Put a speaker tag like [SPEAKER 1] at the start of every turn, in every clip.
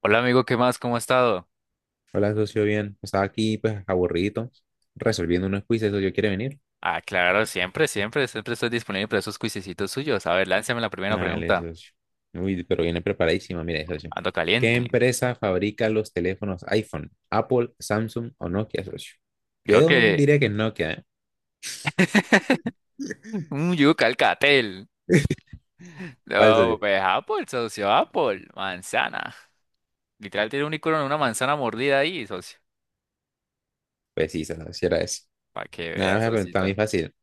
[SPEAKER 1] Hola amigo, ¿qué más? ¿Cómo ha estado?
[SPEAKER 2] Hola, socio, bien. Estaba aquí, pues, aburrido, resolviendo unos quizzes, socio. ¿Quiere venir?
[SPEAKER 1] Ah, claro, siempre, siempre, siempre estoy disponible para esos cuisecitos suyos. A ver, lánzame la primera
[SPEAKER 2] Dale,
[SPEAKER 1] pregunta.
[SPEAKER 2] socio. Uy, pero viene preparadísima, mire, socio.
[SPEAKER 1] Ando
[SPEAKER 2] ¿Qué
[SPEAKER 1] caliente.
[SPEAKER 2] empresa fabrica los teléfonos iPhone? ¿Apple, Samsung o Nokia, socio?
[SPEAKER 1] Creo
[SPEAKER 2] Yo
[SPEAKER 1] que...
[SPEAKER 2] diría que es Nokia, ¿eh?
[SPEAKER 1] Un yuca al catel.
[SPEAKER 2] ¿Cuál,
[SPEAKER 1] No,
[SPEAKER 2] socio?
[SPEAKER 1] pues Apple, socio, Apple. Manzana. Literal tiene un icono de una manzana mordida ahí, socio.
[SPEAKER 2] Pues sí, socio, si era eso.
[SPEAKER 1] Para que
[SPEAKER 2] Nada,
[SPEAKER 1] vea,
[SPEAKER 2] me preguntaba muy
[SPEAKER 1] socito.
[SPEAKER 2] fácil.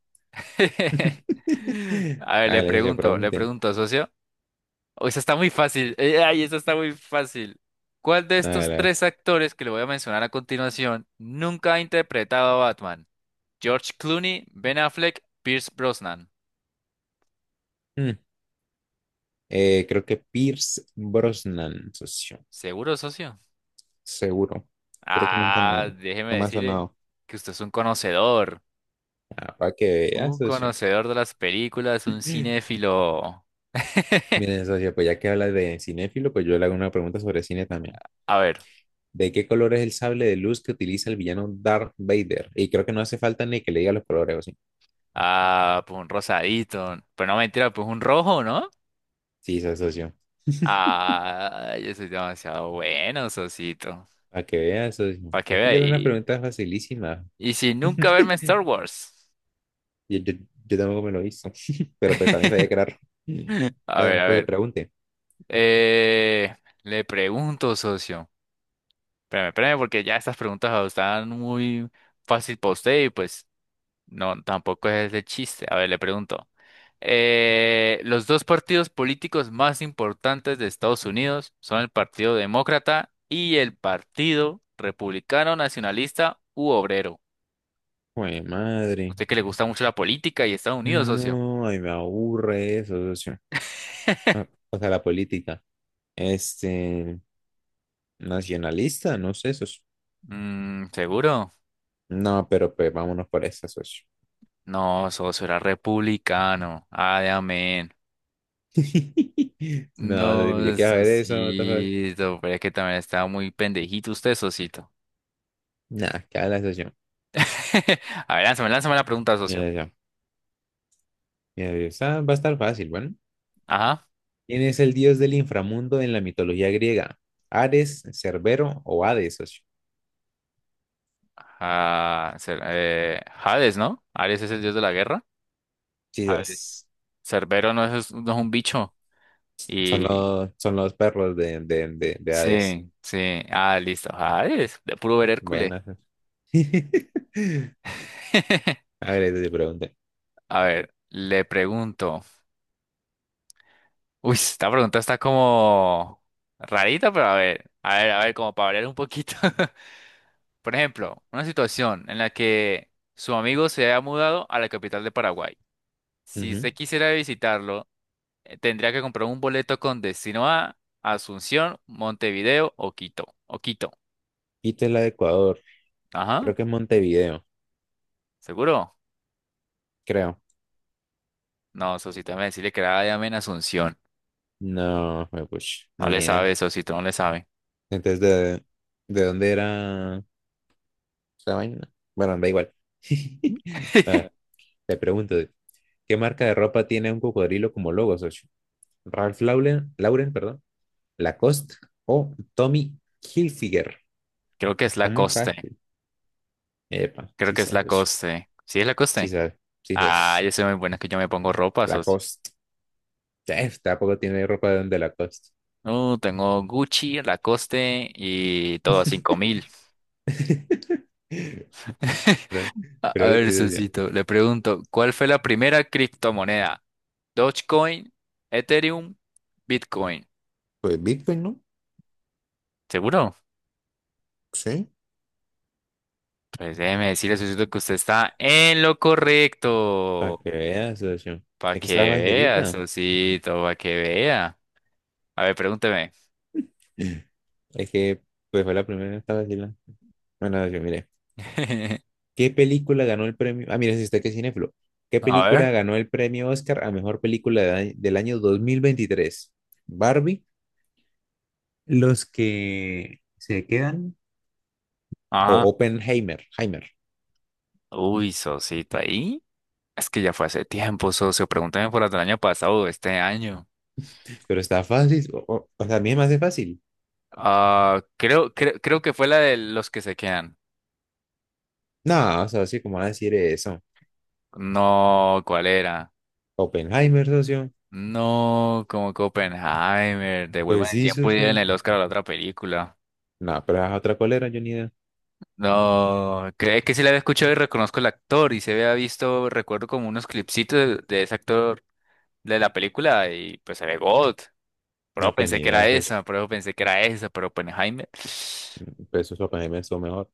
[SPEAKER 1] A ver,
[SPEAKER 2] Dale, socio,
[SPEAKER 1] le
[SPEAKER 2] pregunte.
[SPEAKER 1] pregunto, socio. O esa está muy fácil. Ay, esa está muy fácil. ¿Cuál de
[SPEAKER 2] Dale, a
[SPEAKER 1] estos
[SPEAKER 2] ver.
[SPEAKER 1] tres actores que le voy a mencionar a continuación nunca ha interpretado a Batman? George Clooney, Ben Affleck, Pierce Brosnan.
[SPEAKER 2] Mm. Creo que Pierce Brosnan, socio.
[SPEAKER 1] ¿Seguro, socio?
[SPEAKER 2] Seguro. Creo que nunca
[SPEAKER 1] Ah,
[SPEAKER 2] me,
[SPEAKER 1] déjeme
[SPEAKER 2] No me ha
[SPEAKER 1] decirle
[SPEAKER 2] sonado.
[SPEAKER 1] que usted es un conocedor.
[SPEAKER 2] Ah, para que veas,
[SPEAKER 1] Un
[SPEAKER 2] socio.
[SPEAKER 1] conocedor de las películas, un cinéfilo.
[SPEAKER 2] Miren, socio, pues ya que hablas de cinéfilo, pues yo le hago una pregunta sobre cine también.
[SPEAKER 1] A ver.
[SPEAKER 2] ¿De qué color es el sable de luz que utiliza el villano Darth Vader? Y creo que no hace falta ni que le diga los colores, ¿o sí?
[SPEAKER 1] Ah, pues un rosadito. Pero no mentira, pues un rojo, ¿no?
[SPEAKER 2] Sí, socio.
[SPEAKER 1] Ah, yo soy demasiado bueno, socito.
[SPEAKER 2] Para que veas, socio.
[SPEAKER 1] Para que
[SPEAKER 2] Es que yo le hago una
[SPEAKER 1] vea.
[SPEAKER 2] pregunta facilísima.
[SPEAKER 1] Y sin nunca verme en Star Wars.
[SPEAKER 2] Yo, yo, yo tampoco me lo hizo, pero pues también sabía que era rojo.
[SPEAKER 1] A ver,
[SPEAKER 2] Ah,
[SPEAKER 1] a
[SPEAKER 2] pues
[SPEAKER 1] ver.
[SPEAKER 2] pregunte.
[SPEAKER 1] Eh, le pregunto, socio. Espérame, espérame, porque ya estas preguntas están muy fácil para usted y pues no, tampoco es de chiste. A ver, le pregunto. Los dos partidos políticos más importantes de Estados Unidos son el Partido Demócrata y el Partido Republicano Nacionalista u Obrero.
[SPEAKER 2] Jue madre.
[SPEAKER 1] Usted que le gusta mucho la política y Estados Unidos, socio.
[SPEAKER 2] No, ay, me aburre eso, socio. Ah, o sea, la política. Este, nacionalista, no sé, eso.
[SPEAKER 1] Mm, ¿seguro?
[SPEAKER 2] No, pero pues vámonos por esa, socio.
[SPEAKER 1] No, socio, era republicano. Ay, amén.
[SPEAKER 2] No, yo
[SPEAKER 1] No,
[SPEAKER 2] quiero ver eso, what the fuck.
[SPEAKER 1] socito, pero es que también estaba muy pendejito usted, socito.
[SPEAKER 2] Nah, que la socio.
[SPEAKER 1] A ver, lánzame, lánzame la pregunta, socio.
[SPEAKER 2] Mira yo, mira yo. Esa va a estar fácil, bueno.
[SPEAKER 1] Ajá.
[SPEAKER 2] ¿Quién es el dios del inframundo en la mitología griega? ¿Ares, Cerbero o Hades, socio?
[SPEAKER 1] Ah, Hades, ¿no? Ares es el dios de la guerra. Hades.
[SPEAKER 2] Jesus.
[SPEAKER 1] Cerbero no es, no es un bicho.
[SPEAKER 2] Son
[SPEAKER 1] Y.
[SPEAKER 2] los, son los perros de Hades.
[SPEAKER 1] Sí, sí. Ah, listo. Hades, de puro ver Hércules.
[SPEAKER 2] Buenas. A ver, te pregunté.
[SPEAKER 1] A ver, le pregunto. Uy, esta pregunta está como rarita, pero a ver, a ver, a ver, como para variar un poquito. Por ejemplo, una situación en la que su amigo se haya mudado a la capital de Paraguay. Si
[SPEAKER 2] Ujú.
[SPEAKER 1] usted quisiera visitarlo, tendría que comprar un boleto con destino a Asunción, Montevideo o Quito. O Quito.
[SPEAKER 2] Quito la de Ecuador.
[SPEAKER 1] Ajá,
[SPEAKER 2] Creo que es Montevideo.
[SPEAKER 1] ¿seguro?
[SPEAKER 2] Creo.
[SPEAKER 1] No, Sosito, déjame decirle que era llame en Asunción.
[SPEAKER 2] No, me push.
[SPEAKER 1] No
[SPEAKER 2] No,
[SPEAKER 1] le
[SPEAKER 2] ni idea.
[SPEAKER 1] sabe, Sosito, no le sabe.
[SPEAKER 2] Entonces, ¿de dónde era esa vaina? Bueno, da igual. Ah, te pregunto, ¿qué marca de ropa tiene un cocodrilo como logo, socio? Ralph Lauren, Lauren, perdón, Lacoste o Tommy Hilfiger.
[SPEAKER 1] Creo que es
[SPEAKER 2] Está
[SPEAKER 1] la
[SPEAKER 2] muy
[SPEAKER 1] coste.
[SPEAKER 2] fácil. Epa,
[SPEAKER 1] Creo
[SPEAKER 2] sí
[SPEAKER 1] que es
[SPEAKER 2] sabes,
[SPEAKER 1] la
[SPEAKER 2] socio.
[SPEAKER 1] coste. ¿Sí es la
[SPEAKER 2] Sí
[SPEAKER 1] coste?
[SPEAKER 2] sabes, sí
[SPEAKER 1] Ah,
[SPEAKER 2] sabes.
[SPEAKER 1] yo soy muy buena, es que yo me pongo ropa, socio.
[SPEAKER 2] Lacoste. Tampoco tiene ropa de Lacoste.
[SPEAKER 1] No, tengo Gucci, Lacoste y todo a 5.000.
[SPEAKER 2] Pero,
[SPEAKER 1] A ver,
[SPEAKER 2] pregúntese, socio.
[SPEAKER 1] socito, le pregunto, ¿cuál fue la primera criptomoneda? Dogecoin, Ethereum, Bitcoin.
[SPEAKER 2] Pues Bitcoin, ¿no?
[SPEAKER 1] ¿Seguro?
[SPEAKER 2] Sí.
[SPEAKER 1] Pues déjeme decirle, socito, que usted está en lo
[SPEAKER 2] Para
[SPEAKER 1] correcto.
[SPEAKER 2] que veas, socio.
[SPEAKER 1] Para
[SPEAKER 2] Aquí
[SPEAKER 1] que
[SPEAKER 2] está
[SPEAKER 1] vea,
[SPEAKER 2] facilita.
[SPEAKER 1] socito, para que vea. A ver, pregúnteme.
[SPEAKER 2] Es que, pues fue la primera que estaba vacilando. Bueno, yo mire. ¿Qué película ganó el premio? Ah, mira, si usted que es cinéfilo. ¿Qué
[SPEAKER 1] A
[SPEAKER 2] película
[SPEAKER 1] ver.
[SPEAKER 2] ganó el premio Oscar a mejor película del año 2023? Barbie, Los que se quedan o
[SPEAKER 1] Ajá.
[SPEAKER 2] Oppenheimer, Heimer.
[SPEAKER 1] Uy, socito, ahí. Es que ya fue hace tiempo, socio. Pregúntame por la del año pasado o este año.
[SPEAKER 2] Pero está fácil, o sea, a mí me hace fácil.
[SPEAKER 1] Ah, creo, creo, creo que fue la de los que se quedan.
[SPEAKER 2] No, o socio, ¿cómo va a decir eso?
[SPEAKER 1] No, ¿cuál era?
[SPEAKER 2] Oppenheimer, socio.
[SPEAKER 1] No, como Oppenheimer, Devuelvan
[SPEAKER 2] Pues
[SPEAKER 1] el
[SPEAKER 2] sí,
[SPEAKER 1] tiempo y en
[SPEAKER 2] socio.
[SPEAKER 1] el Oscar a la otra película.
[SPEAKER 2] No, pero es otra colera, yo ni idea.
[SPEAKER 1] No, creo que sí la había escuchado y reconozco el actor y se había visto, recuerdo como unos clipsitos de ese actor de la película y pues se ve God. Pero
[SPEAKER 2] No, pues
[SPEAKER 1] pensé
[SPEAKER 2] ni
[SPEAKER 1] que era
[SPEAKER 2] idea, socio.
[SPEAKER 1] esa, pero pensé que era esa, pero Oppenheimer.
[SPEAKER 2] Pues socio, Oppenheimer estuvo mejor.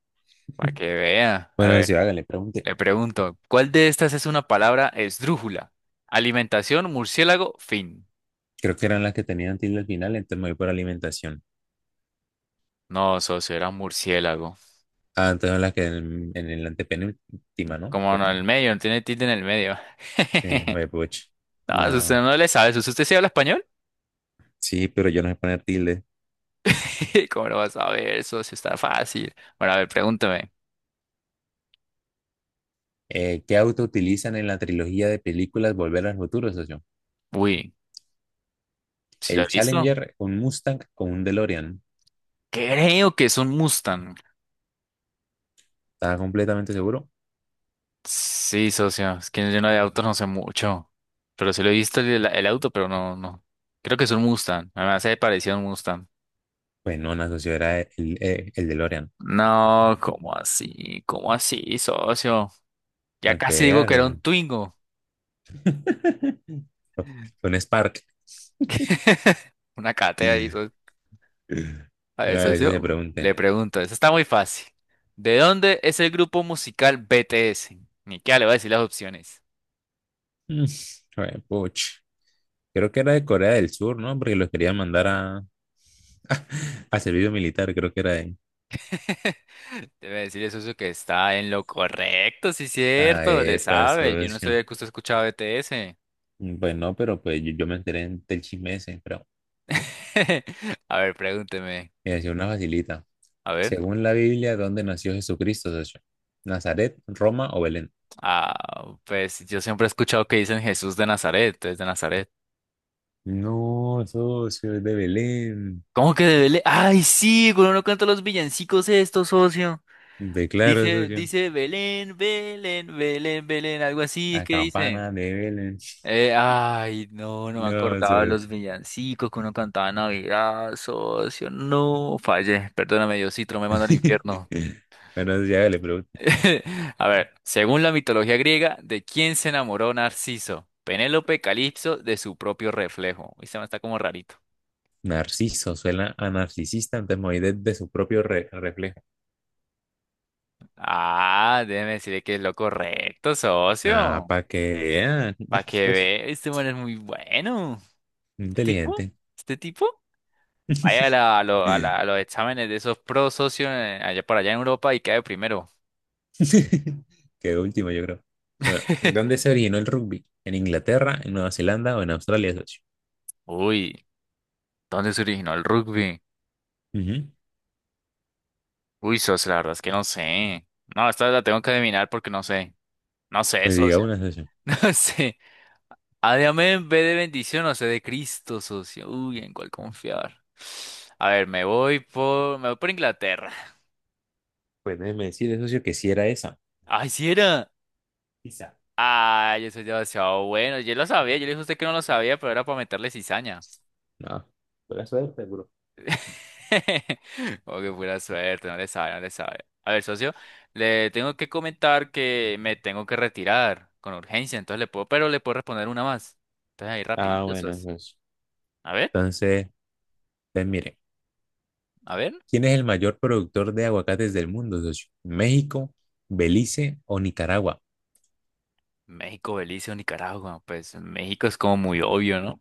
[SPEAKER 1] Para que vea. A
[SPEAKER 2] Bueno, socio,
[SPEAKER 1] ver.
[SPEAKER 2] hágale, pregunte.
[SPEAKER 1] Le pregunto, ¿cuál de estas es una palabra esdrújula? Alimentación, murciélago, fin.
[SPEAKER 2] Creo que eran las que tenían tilde al final, entonces me voy por alimentación.
[SPEAKER 1] No, socio, era un murciélago.
[SPEAKER 2] Ah, entonces las que en el antepenúltima, ¿no?
[SPEAKER 1] Como
[SPEAKER 2] Creo...
[SPEAKER 1] no, en el medio, no tiene tilde en el medio.
[SPEAKER 2] Sí, oye, puch.
[SPEAKER 1] No, eso usted
[SPEAKER 2] No.
[SPEAKER 1] no le sabe, socio. ¿Usted sí habla español?
[SPEAKER 2] Sí, pero yo no sé poner tilde.
[SPEAKER 1] ¿Cómo lo vas a ver, socio? Está fácil. Bueno, a ver, pregúntame.
[SPEAKER 2] ¿Qué auto utilizan en la trilogía de películas Volver al Futuro, socio?
[SPEAKER 1] Uy, ¿sí lo he
[SPEAKER 2] ¿El
[SPEAKER 1] visto?
[SPEAKER 2] Challenger, un Mustang o un DeLorean?
[SPEAKER 1] Creo que es un Mustang.
[SPEAKER 2] ¿Estaba completamente seguro?
[SPEAKER 1] Sí, socio, es que yo no de autos no sé mucho. Pero sí lo he visto el auto, pero no, no. Creo que es un Mustang. Me hace parecido a un Mustang.
[SPEAKER 2] Pues no, no, socio, era el DeLorean.
[SPEAKER 1] No, ¿cómo así? ¿Cómo así, socio? Ya casi
[SPEAKER 2] Okay.
[SPEAKER 1] digo que era un Twingo.
[SPEAKER 2] Un Spark.
[SPEAKER 1] Una cátedra ahí, socio. A ver,
[SPEAKER 2] Ahora a veces se
[SPEAKER 1] socio,
[SPEAKER 2] pregunte.
[SPEAKER 1] le pregunto, eso está muy fácil. ¿De dónde es el grupo musical BTS? Ni qué le voy a decir las opciones.
[SPEAKER 2] Mm, Joder, puch. Creo que era de Corea del Sur, ¿no? Porque los querían mandar a, a servicio militar, creo que era de...
[SPEAKER 1] Debe decirle, socio, que está en lo correcto, sí,
[SPEAKER 2] Ah,
[SPEAKER 1] cierto, le
[SPEAKER 2] epa,
[SPEAKER 1] sabe. Yo no
[SPEAKER 2] socio.
[SPEAKER 1] sabía que usted escuchaba BTS.
[SPEAKER 2] Pues no, pero pues yo, yo me enteré del chisme ese, pero
[SPEAKER 1] A ver, pregúnteme.
[SPEAKER 2] me decía una facilita.
[SPEAKER 1] A ver.
[SPEAKER 2] Según la Biblia, ¿dónde nació Jesucristo, socio? ¿Nazaret, Roma o Belén?
[SPEAKER 1] Ah, pues yo siempre he escuchado que dicen Jesús de Nazaret, es de Nazaret.
[SPEAKER 2] No, socio, es de Belén.
[SPEAKER 1] ¿Cómo que de Belén? Ay, sí, cuando uno canta los villancicos estos, socio.
[SPEAKER 2] De claro,
[SPEAKER 1] Dice,
[SPEAKER 2] socio.
[SPEAKER 1] dice Belén, Belén, Belén, Belén, algo así es
[SPEAKER 2] La
[SPEAKER 1] que dice.
[SPEAKER 2] campana de Belén.
[SPEAKER 1] Ay, no, no me
[SPEAKER 2] No,
[SPEAKER 1] acordaba de
[SPEAKER 2] socio.
[SPEAKER 1] los villancicos que uno cantaba en Navidad, socio. No, fallé. Perdóname, Diosito, no me manda al infierno.
[SPEAKER 2] Bueno, ya le pregunto.
[SPEAKER 1] A ver, según la mitología griega, ¿de quién se enamoró Narciso? Penélope Calipso de su propio reflejo. Uy, se me está como rarito.
[SPEAKER 2] Narciso, suena a narcisista, entonces me voy de su propio reflejo.
[SPEAKER 1] Ah, déjeme decirle que es lo correcto,
[SPEAKER 2] Ah,
[SPEAKER 1] socio.
[SPEAKER 2] para que vean.
[SPEAKER 1] Para
[SPEAKER 2] Ah,
[SPEAKER 1] que
[SPEAKER 2] soy
[SPEAKER 1] ve, este man es muy bueno. ¿Este tipo?
[SPEAKER 2] inteligente.
[SPEAKER 1] ¿Este tipo? Vaya a, a los exámenes de esos pro socios allá por allá en Europa y cae primero.
[SPEAKER 2] Qué último, yo creo. Ah, ¿dónde se originó el rugby? ¿En Inglaterra, en Nueva Zelanda o en Australia, socio?
[SPEAKER 1] Uy, ¿dónde se originó el rugby?
[SPEAKER 2] Ujú.
[SPEAKER 1] Uy, socio, la verdad es que no sé. No, esta la tengo que adivinar porque no sé. No sé,
[SPEAKER 2] Pues diga
[SPEAKER 1] socio.
[SPEAKER 2] una, socio.
[SPEAKER 1] No sé. A de amén en de bendición, o sea de Cristo, socio. Uy, ¿en cuál confiar? A ver, me voy por Inglaterra.
[SPEAKER 2] Pues déjeme decirle, socio, que sí era esa.
[SPEAKER 1] Ay, si era.
[SPEAKER 2] Quizá.
[SPEAKER 1] Ay, yo soy demasiado bueno. Yo lo sabía, yo le dije a usted que no lo sabía, pero era para meterle cizaña.
[SPEAKER 2] No, por eso es seguro.
[SPEAKER 1] Oh, qué pura suerte, no le sabe, no le sabe. A ver, socio, le tengo que comentar que me tengo que retirar con urgencia, entonces le puedo, pero le puedo responder una más. Entonces ahí
[SPEAKER 2] Ah,
[SPEAKER 1] rapidito,
[SPEAKER 2] bueno,
[SPEAKER 1] socio.
[SPEAKER 2] socio.
[SPEAKER 1] A ver,
[SPEAKER 2] Entonces, pues mire,
[SPEAKER 1] a ver.
[SPEAKER 2] ¿quién es el mayor productor de aguacates del mundo, socio? ¿México, Belice o Nicaragua?
[SPEAKER 1] México, Belice o Nicaragua. Pues México es como muy obvio, ¿no?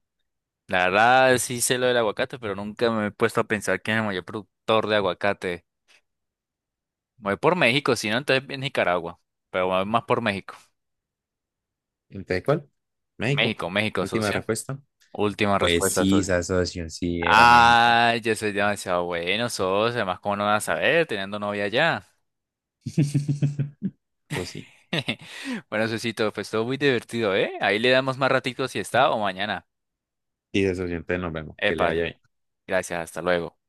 [SPEAKER 1] La verdad sí sé lo del aguacate, pero nunca me he puesto a pensar quién es el mayor productor de aguacate. Voy por México, si no, entonces Nicaragua. Pero voy más por México.
[SPEAKER 2] Entonces, ¿cuál? México.
[SPEAKER 1] México, México,
[SPEAKER 2] Última
[SPEAKER 1] socio.
[SPEAKER 2] respuesta.
[SPEAKER 1] Última
[SPEAKER 2] Pues
[SPEAKER 1] respuesta,
[SPEAKER 2] sí,
[SPEAKER 1] socio.
[SPEAKER 2] esa asociación sí era México.
[SPEAKER 1] Ay, yo soy demasiado bueno, socio. Además, cómo no vas a saber teniendo novia ya.
[SPEAKER 2] Pues sí.
[SPEAKER 1] Bueno, socito, pues todo muy divertido, ¿eh? Ahí le damos más ratitos si está o mañana.
[SPEAKER 2] Y esa asociación, entonces nos vemos. Que le vaya
[SPEAKER 1] Epa,
[SPEAKER 2] bien.
[SPEAKER 1] gracias, hasta luego.